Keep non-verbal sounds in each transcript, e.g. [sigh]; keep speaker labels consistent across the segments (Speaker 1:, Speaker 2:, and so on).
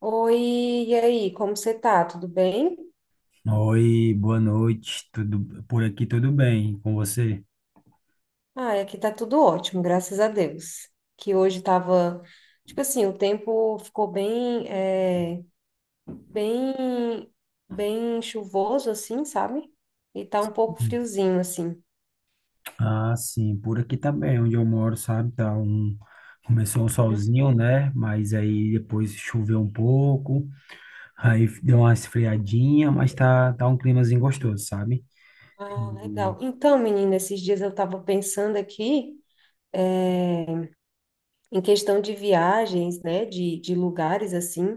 Speaker 1: Oi, e aí, como você tá? Tudo bem?
Speaker 2: Oi, boa noite. Tudo por aqui, tudo bem com você?
Speaker 1: Ah, aqui tá tudo ótimo, graças a Deus. Que hoje tava, tipo assim, O tempo ficou bem, bem chuvoso, assim, sabe? E tá um pouco friozinho, assim.
Speaker 2: Ah, sim, por aqui tá bem, onde eu moro, sabe? Tá um, começou um solzinho,
Speaker 1: Uhum.
Speaker 2: né? Mas aí depois choveu um pouco, [laughs] aí deu uma esfriadinha, mas tá um climazinho gostoso, sabe?
Speaker 1: Ah, legal. Então, menina, esses dias eu tava pensando aqui, é, em questão de viagens, né, de lugares, assim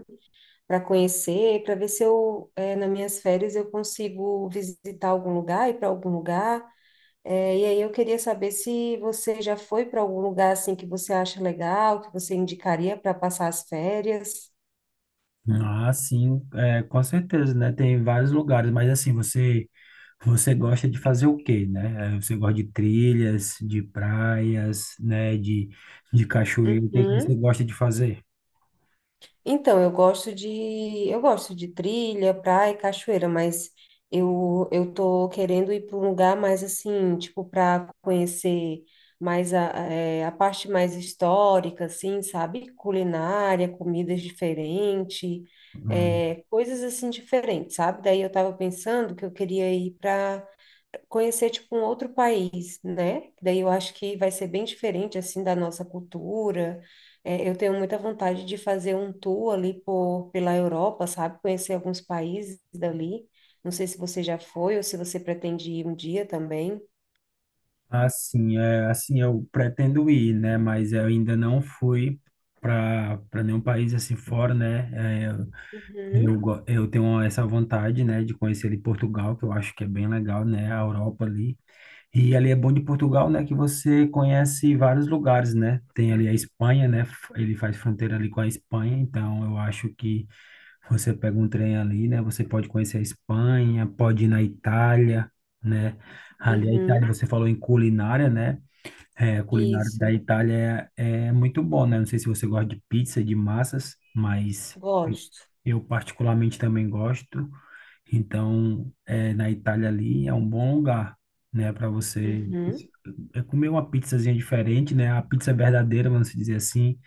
Speaker 1: para conhecer, para ver se nas minhas férias, eu consigo visitar algum lugar, ir para algum lugar. E aí eu queria saber se você já foi para algum lugar assim que você acha legal, que você indicaria para passar as férias.
Speaker 2: Ah, sim, é, com certeza, né? Tem vários lugares, mas assim, você gosta de fazer o quê, né? Você gosta de trilhas, de praias, né? De cachoeira, o que que você
Speaker 1: Uhum.
Speaker 2: gosta de fazer?
Speaker 1: Então, eu gosto de trilha, praia e cachoeira, mas eu tô querendo ir para um lugar mais assim, tipo para conhecer mais a parte mais histórica, assim, sabe? Culinária, comidas diferentes,
Speaker 2: Hum.
Speaker 1: coisas assim diferentes, sabe? Daí eu tava pensando que eu queria ir para conhecer tipo um outro país, né? Daí eu acho que vai ser bem diferente assim da nossa cultura. É, eu tenho muita vontade de fazer um tour ali pela Europa, sabe? Conhecer alguns países dali. Não sei se você já foi ou se você pretende ir um dia também.
Speaker 2: Assim, é, assim, eu pretendo ir, né? Mas eu ainda não fui para nenhum país assim fora, né? Eh, eu,
Speaker 1: Uhum,
Speaker 2: go- eu tenho essa vontade, né, de conhecer ali Portugal, que eu acho que é bem legal, né? A Europa ali. E ali é bom de Portugal, né, que você conhece vários lugares, né? Tem ali a Espanha, né? Ele faz fronteira ali com a Espanha, então eu acho que você pega um trem ali, né? Você pode conhecer a Espanha, pode ir na Itália, né? Ali a Itália,
Speaker 1: uhum,
Speaker 2: você falou em culinária, né? É, a culinária da
Speaker 1: isso,
Speaker 2: Itália é, é muito bom, né? Não sei se você gosta de pizza, de massas, mas eu
Speaker 1: gosto.
Speaker 2: eu particularmente também gosto. Então, é, na Itália ali é um bom lugar, né, para você
Speaker 1: Uhum,
Speaker 2: comer uma pizzazinha diferente, né? A pizza é verdadeira, vamos dizer assim.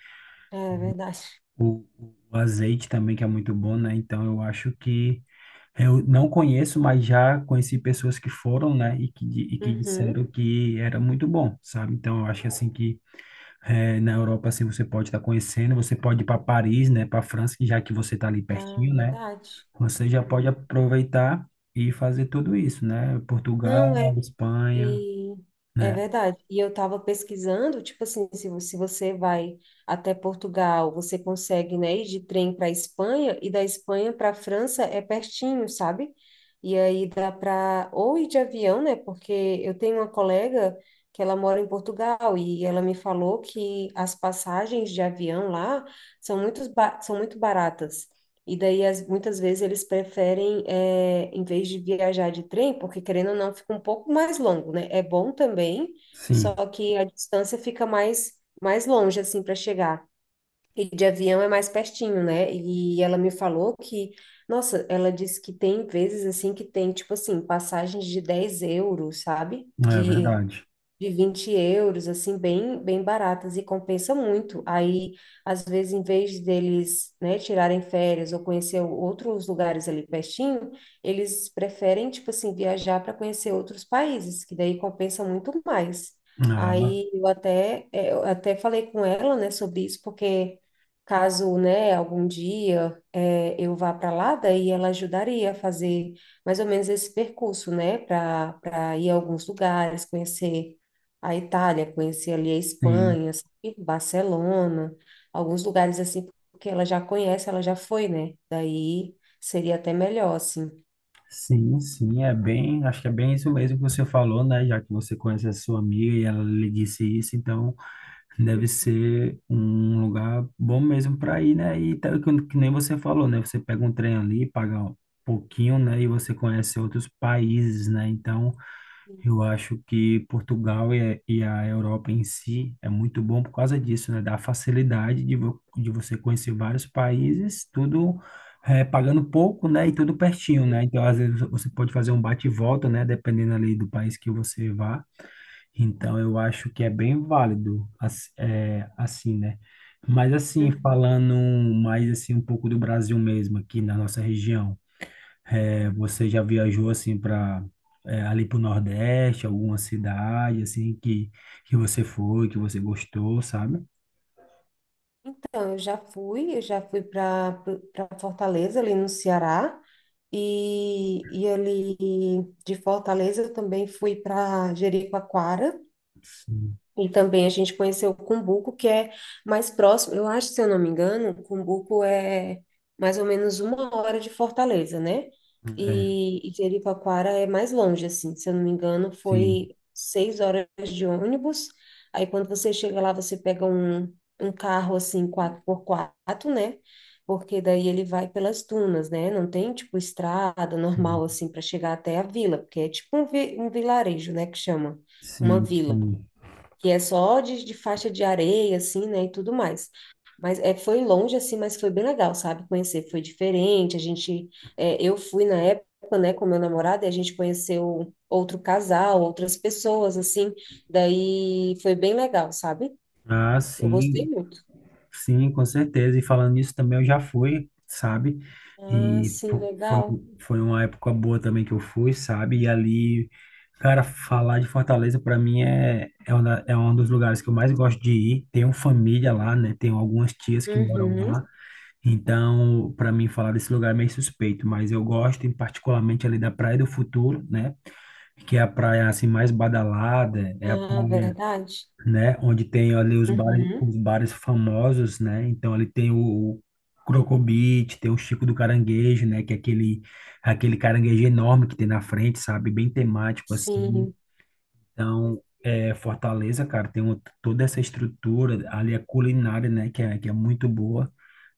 Speaker 1: é verdade.
Speaker 2: O, o azeite também que é muito bom, né? Então, eu acho que eu não conheço, mas já conheci pessoas que foram, né, e que disseram
Speaker 1: Uhum,
Speaker 2: que era muito bom, sabe? Então, eu acho assim que é, na Europa assim você pode estar conhecendo, você pode ir para Paris, né, para França, que já que você está ali
Speaker 1: ah,
Speaker 2: pertinho, né?
Speaker 1: verdade.
Speaker 2: Você já pode
Speaker 1: Uhum.
Speaker 2: aproveitar e fazer tudo isso, né? Portugal,
Speaker 1: Não, é
Speaker 2: Espanha,
Speaker 1: E é
Speaker 2: né?
Speaker 1: verdade. E eu estava pesquisando, tipo assim, se você vai até Portugal, você consegue, né, ir de trem para Espanha e da Espanha para França é pertinho, sabe? E aí dá para ou ir de avião, né? Porque eu tenho uma colega que ela mora em Portugal e ela me falou que as passagens de avião lá são são muito baratas. E daí, muitas vezes, eles preferem, é, em vez de viajar de trem, porque querendo ou não, fica um pouco mais longo, né? É bom também, só
Speaker 2: Sim,
Speaker 1: que a distância fica mais longe, assim, para chegar. E de avião é mais pertinho, né? E ela me falou que, nossa, ela disse que tem vezes, assim, que tem, tipo assim, passagens de 10 euros, sabe?
Speaker 2: é
Speaker 1: De
Speaker 2: verdade.
Speaker 1: de 20 euros, assim, bem baratas e compensa muito. Aí, às vezes, em vez deles, né, tirarem férias ou conhecer outros lugares ali pertinho, eles preferem, tipo assim, viajar para conhecer outros países, que daí compensa muito mais.
Speaker 2: Ah,
Speaker 1: Aí eu até, eh, Eu até falei com ela, né, sobre isso, porque caso, né, algum dia eu vá para lá, daí ela ajudaria a fazer mais ou menos esse percurso, né, para ir a alguns lugares, conhecer a Itália, conheci ali a
Speaker 2: sim,
Speaker 1: Espanha, sabe? Barcelona, alguns lugares assim, porque ela já conhece, ela já foi, né? Daí seria até melhor, assim.
Speaker 2: sim, sim, é bem, acho que é bem isso mesmo que você falou, né? Já que você conhece a sua amiga e ela lhe disse isso, então deve ser um lugar bom mesmo para ir, né? E que nem você falou, né? Você pega um trem ali, paga um pouquinho, né? E você conhece outros países, né? Então eu acho que Portugal e a Europa em si é muito bom por causa disso, né? Da facilidade de, de você conhecer vários países, tudo pagando pouco, né? E tudo pertinho, né? Então, às
Speaker 1: Uhum,
Speaker 2: vezes, você pode fazer um bate e volta, né? Dependendo ali do país que você vá. Então, eu acho que é bem válido, assim, né? Mas, assim,
Speaker 1: uhum.
Speaker 2: falando mais, assim, um pouco do Brasil mesmo, aqui na nossa região. É,
Speaker 1: É.
Speaker 2: você já viajou assim para ali para o Nordeste, alguma cidade assim que você foi, que você gostou, sabe?
Speaker 1: Então, eu já fui para Fortaleza, ali no Ceará, e ali de Fortaleza eu também fui para Jericoacoara,
Speaker 2: Sim,
Speaker 1: e também a gente conheceu o Cumbuco, que é mais próximo. Eu acho, se eu não me engano, o Cumbuco é mais ou menos uma hora de Fortaleza, né?
Speaker 2: é,
Speaker 1: E Jeripaquara é mais longe, assim. Se eu não me engano,
Speaker 2: sim,
Speaker 1: foi seis horas de ônibus. Aí quando você chega lá, você pega um carro, assim, 4x4, né? Porque daí ele vai pelas dunas, né? Não tem, tipo, estrada normal,
Speaker 2: sim,
Speaker 1: assim, para chegar até a vila, porque é tipo um vilarejo, né? Que chama uma
Speaker 2: sim.
Speaker 1: vila
Speaker 2: Sim.
Speaker 1: que é só de faixa de areia, assim, né, e tudo mais. Mas é, foi longe, assim, mas foi bem legal, sabe? Conhecer foi diferente, eu fui na época, né, com meu namorado, e a gente conheceu outro casal, outras pessoas, assim, daí foi bem legal, sabe?
Speaker 2: Ah,
Speaker 1: Eu gostei
Speaker 2: sim.
Speaker 1: muito.
Speaker 2: Sim, com certeza. E falando nisso também, eu já fui, sabe?
Speaker 1: Ah,
Speaker 2: E
Speaker 1: sim,
Speaker 2: foi,
Speaker 1: legal.
Speaker 2: foi uma época boa também que eu fui, sabe? E ali, cara, falar de Fortaleza para mim é, é, é um dos lugares que eu mais gosto de ir. Tenho família lá, né? Tenho algumas tias que moram lá.
Speaker 1: Uhum.
Speaker 2: Então, para mim, falar desse lugar é meio suspeito, mas eu gosto, em particularmente ali da Praia do Futuro, né? Que é a praia assim mais badalada, é a
Speaker 1: Ah,
Speaker 2: praia,
Speaker 1: verdade.
Speaker 2: né? Onde tem ali os
Speaker 1: Uhum.
Speaker 2: bares famosos, né? Então ali tem o Crocobit, tem o Chico do Caranguejo, né? Que é aquele, aquele caranguejo enorme que tem na frente, sabe? Bem temático assim.
Speaker 1: Sim.
Speaker 2: Então, é, Fortaleza, cara, tem toda essa estrutura ali, a culinária, né? Que é muito boa,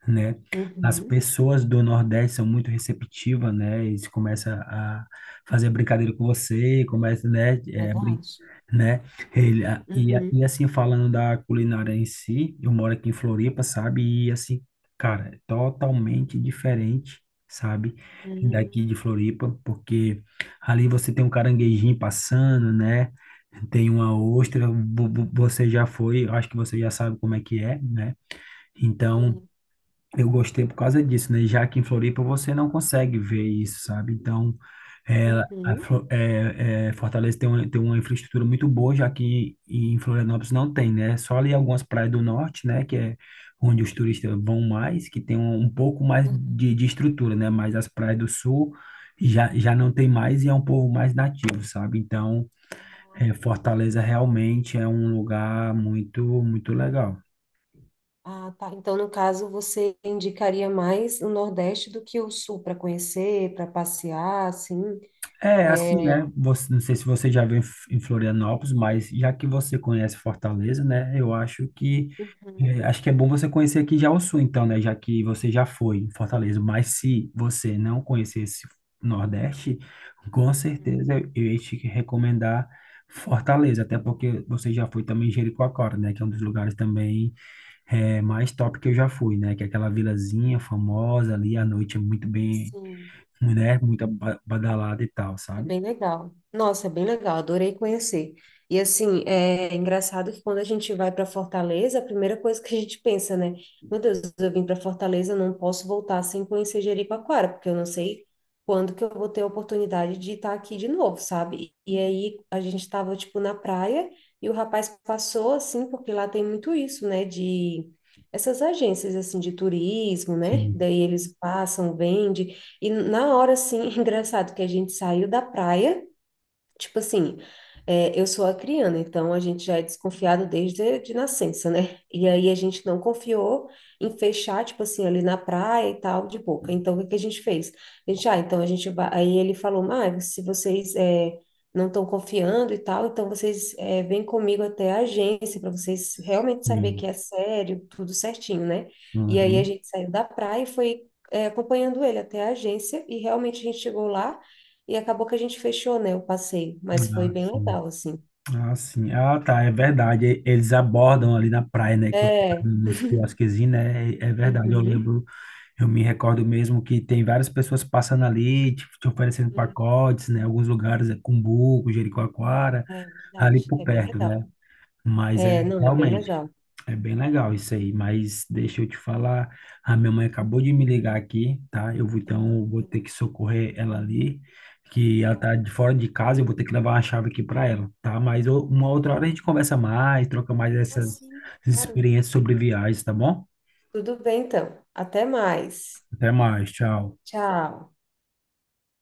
Speaker 2: né? As
Speaker 1: Uhum.
Speaker 2: pessoas do Nordeste são muito receptivas, né? Eles começam a fazer brincadeira com você, começa, né? É, brin,
Speaker 1: Verdade.
Speaker 2: né? Ele, a- e
Speaker 1: Uhum.
Speaker 2: assim, falando da culinária em si, eu moro aqui em Floripa, sabe? E assim, cara, é totalmente diferente, sabe?
Speaker 1: Uhum.
Speaker 2: Daqui de Floripa, porque ali você tem um caranguejinho passando, né? Tem uma
Speaker 1: Uhum.
Speaker 2: ostra, você já foi, eu acho que você já sabe como é que é, né? Então,
Speaker 1: Sim.
Speaker 2: eu gostei por causa disso, né? Já que em Floripa você não consegue ver isso, sabe? Então, é,
Speaker 1: Uhum.
Speaker 2: Fortaleza tem uma infraestrutura muito boa, já que em Florianópolis não tem, né? Só ali algumas praias do norte, né? Que é onde os turistas vão mais, que tem um, um pouco mais de estrutura, né? Mas as praias do sul já, já não tem mais e é um povo mais nativo, sabe? Então, é, Fortaleza realmente é um lugar muito, muito legal.
Speaker 1: Ah, tá. Então, no caso, você indicaria mais o Nordeste do que o Sul para conhecer, para passear, assim?
Speaker 2: É, assim,
Speaker 1: É...
Speaker 2: né? Você, não sei se você já veio em em Florianópolis, mas já que você conhece Fortaleza, né? Eu
Speaker 1: Uhum,
Speaker 2: acho que é bom você conhecer aqui já o Sul, então, né? Já que você já foi em Fortaleza. Mas se você não conhecesse o Nordeste, com
Speaker 1: uhum,
Speaker 2: certeza eu ia te recomendar Fortaleza, até porque você já foi também em Jericoacoara, né? Que é um dos lugares também é, mais top que eu já fui, né? Que é aquela vilazinha famosa ali, à noite é muito bem,
Speaker 1: sim.
Speaker 2: né?
Speaker 1: Uhum.
Speaker 2: Muito badalada e tal,
Speaker 1: É
Speaker 2: sabe?
Speaker 1: bem legal. Nossa, é bem legal, adorei conhecer. E assim, é engraçado que quando a gente vai para Fortaleza, a primeira coisa que a gente pensa, né? Meu Deus, eu vim para Fortaleza, não posso voltar sem conhecer Jericoacoara, porque eu não sei quando que eu vou ter a oportunidade de estar aqui de novo, sabe? E aí a gente estava tipo na praia e o rapaz passou assim, porque lá tem muito isso, né, de essas agências assim de turismo, né?
Speaker 2: Sim,
Speaker 1: Daí eles passam, vendem e na hora, assim, [laughs] engraçado que a gente saiu da praia, tipo assim, é, eu sou acriana, então a gente já é desconfiado desde de nascença, né? E aí a gente não confiou em fechar, tipo assim, ali na praia e tal, de boca. Então o que que a gente fez? A gente, ah, então a gente vai. Aí ele falou, mas se não estão confiando e tal, então vêm comigo até a agência para vocês realmente saber que é
Speaker 2: sim.
Speaker 1: sério, tudo certinho, né? E aí a
Speaker 2: Uhum.
Speaker 1: gente saiu da praia e foi acompanhando ele até a agência e realmente a gente chegou lá. E acabou que a gente fechou, né, o passeio, mas foi
Speaker 2: Ah,
Speaker 1: bem
Speaker 2: sim.
Speaker 1: legal, assim.
Speaker 2: Ah, sim. Ah, tá, é verdade. Eles abordam ali na praia, né? Que você tá
Speaker 1: É,
Speaker 2: nos quiosquezinhos, né? É, é verdade. Eu
Speaker 1: uhum,
Speaker 2: lembro, eu me recordo mesmo que tem várias pessoas passando ali, te oferecendo
Speaker 1: uhum,
Speaker 2: pacotes, né? Alguns lugares é Cumbuco, Jericoacoara,
Speaker 1: é
Speaker 2: ali
Speaker 1: verdade,
Speaker 2: por
Speaker 1: é bem
Speaker 2: perto,
Speaker 1: legal.
Speaker 2: né? Mas é
Speaker 1: É, não, é bem
Speaker 2: realmente,
Speaker 1: legal.
Speaker 2: é bem legal isso aí. Mas deixa eu te falar, a minha mãe acabou de me ligar aqui, tá? Eu vou, então vou ter que socorrer ela ali, que ela
Speaker 1: Tá bom,
Speaker 2: tá de fora de casa, eu vou ter que levar uma chave aqui para ela, tá? Mas uma outra hora a gente conversa mais, troca mais essas
Speaker 1: assim, claro.
Speaker 2: experiências sobre viagens, tá bom?
Speaker 1: Tudo bem, então. Até mais.
Speaker 2: Até mais, tchau.
Speaker 1: Tchau.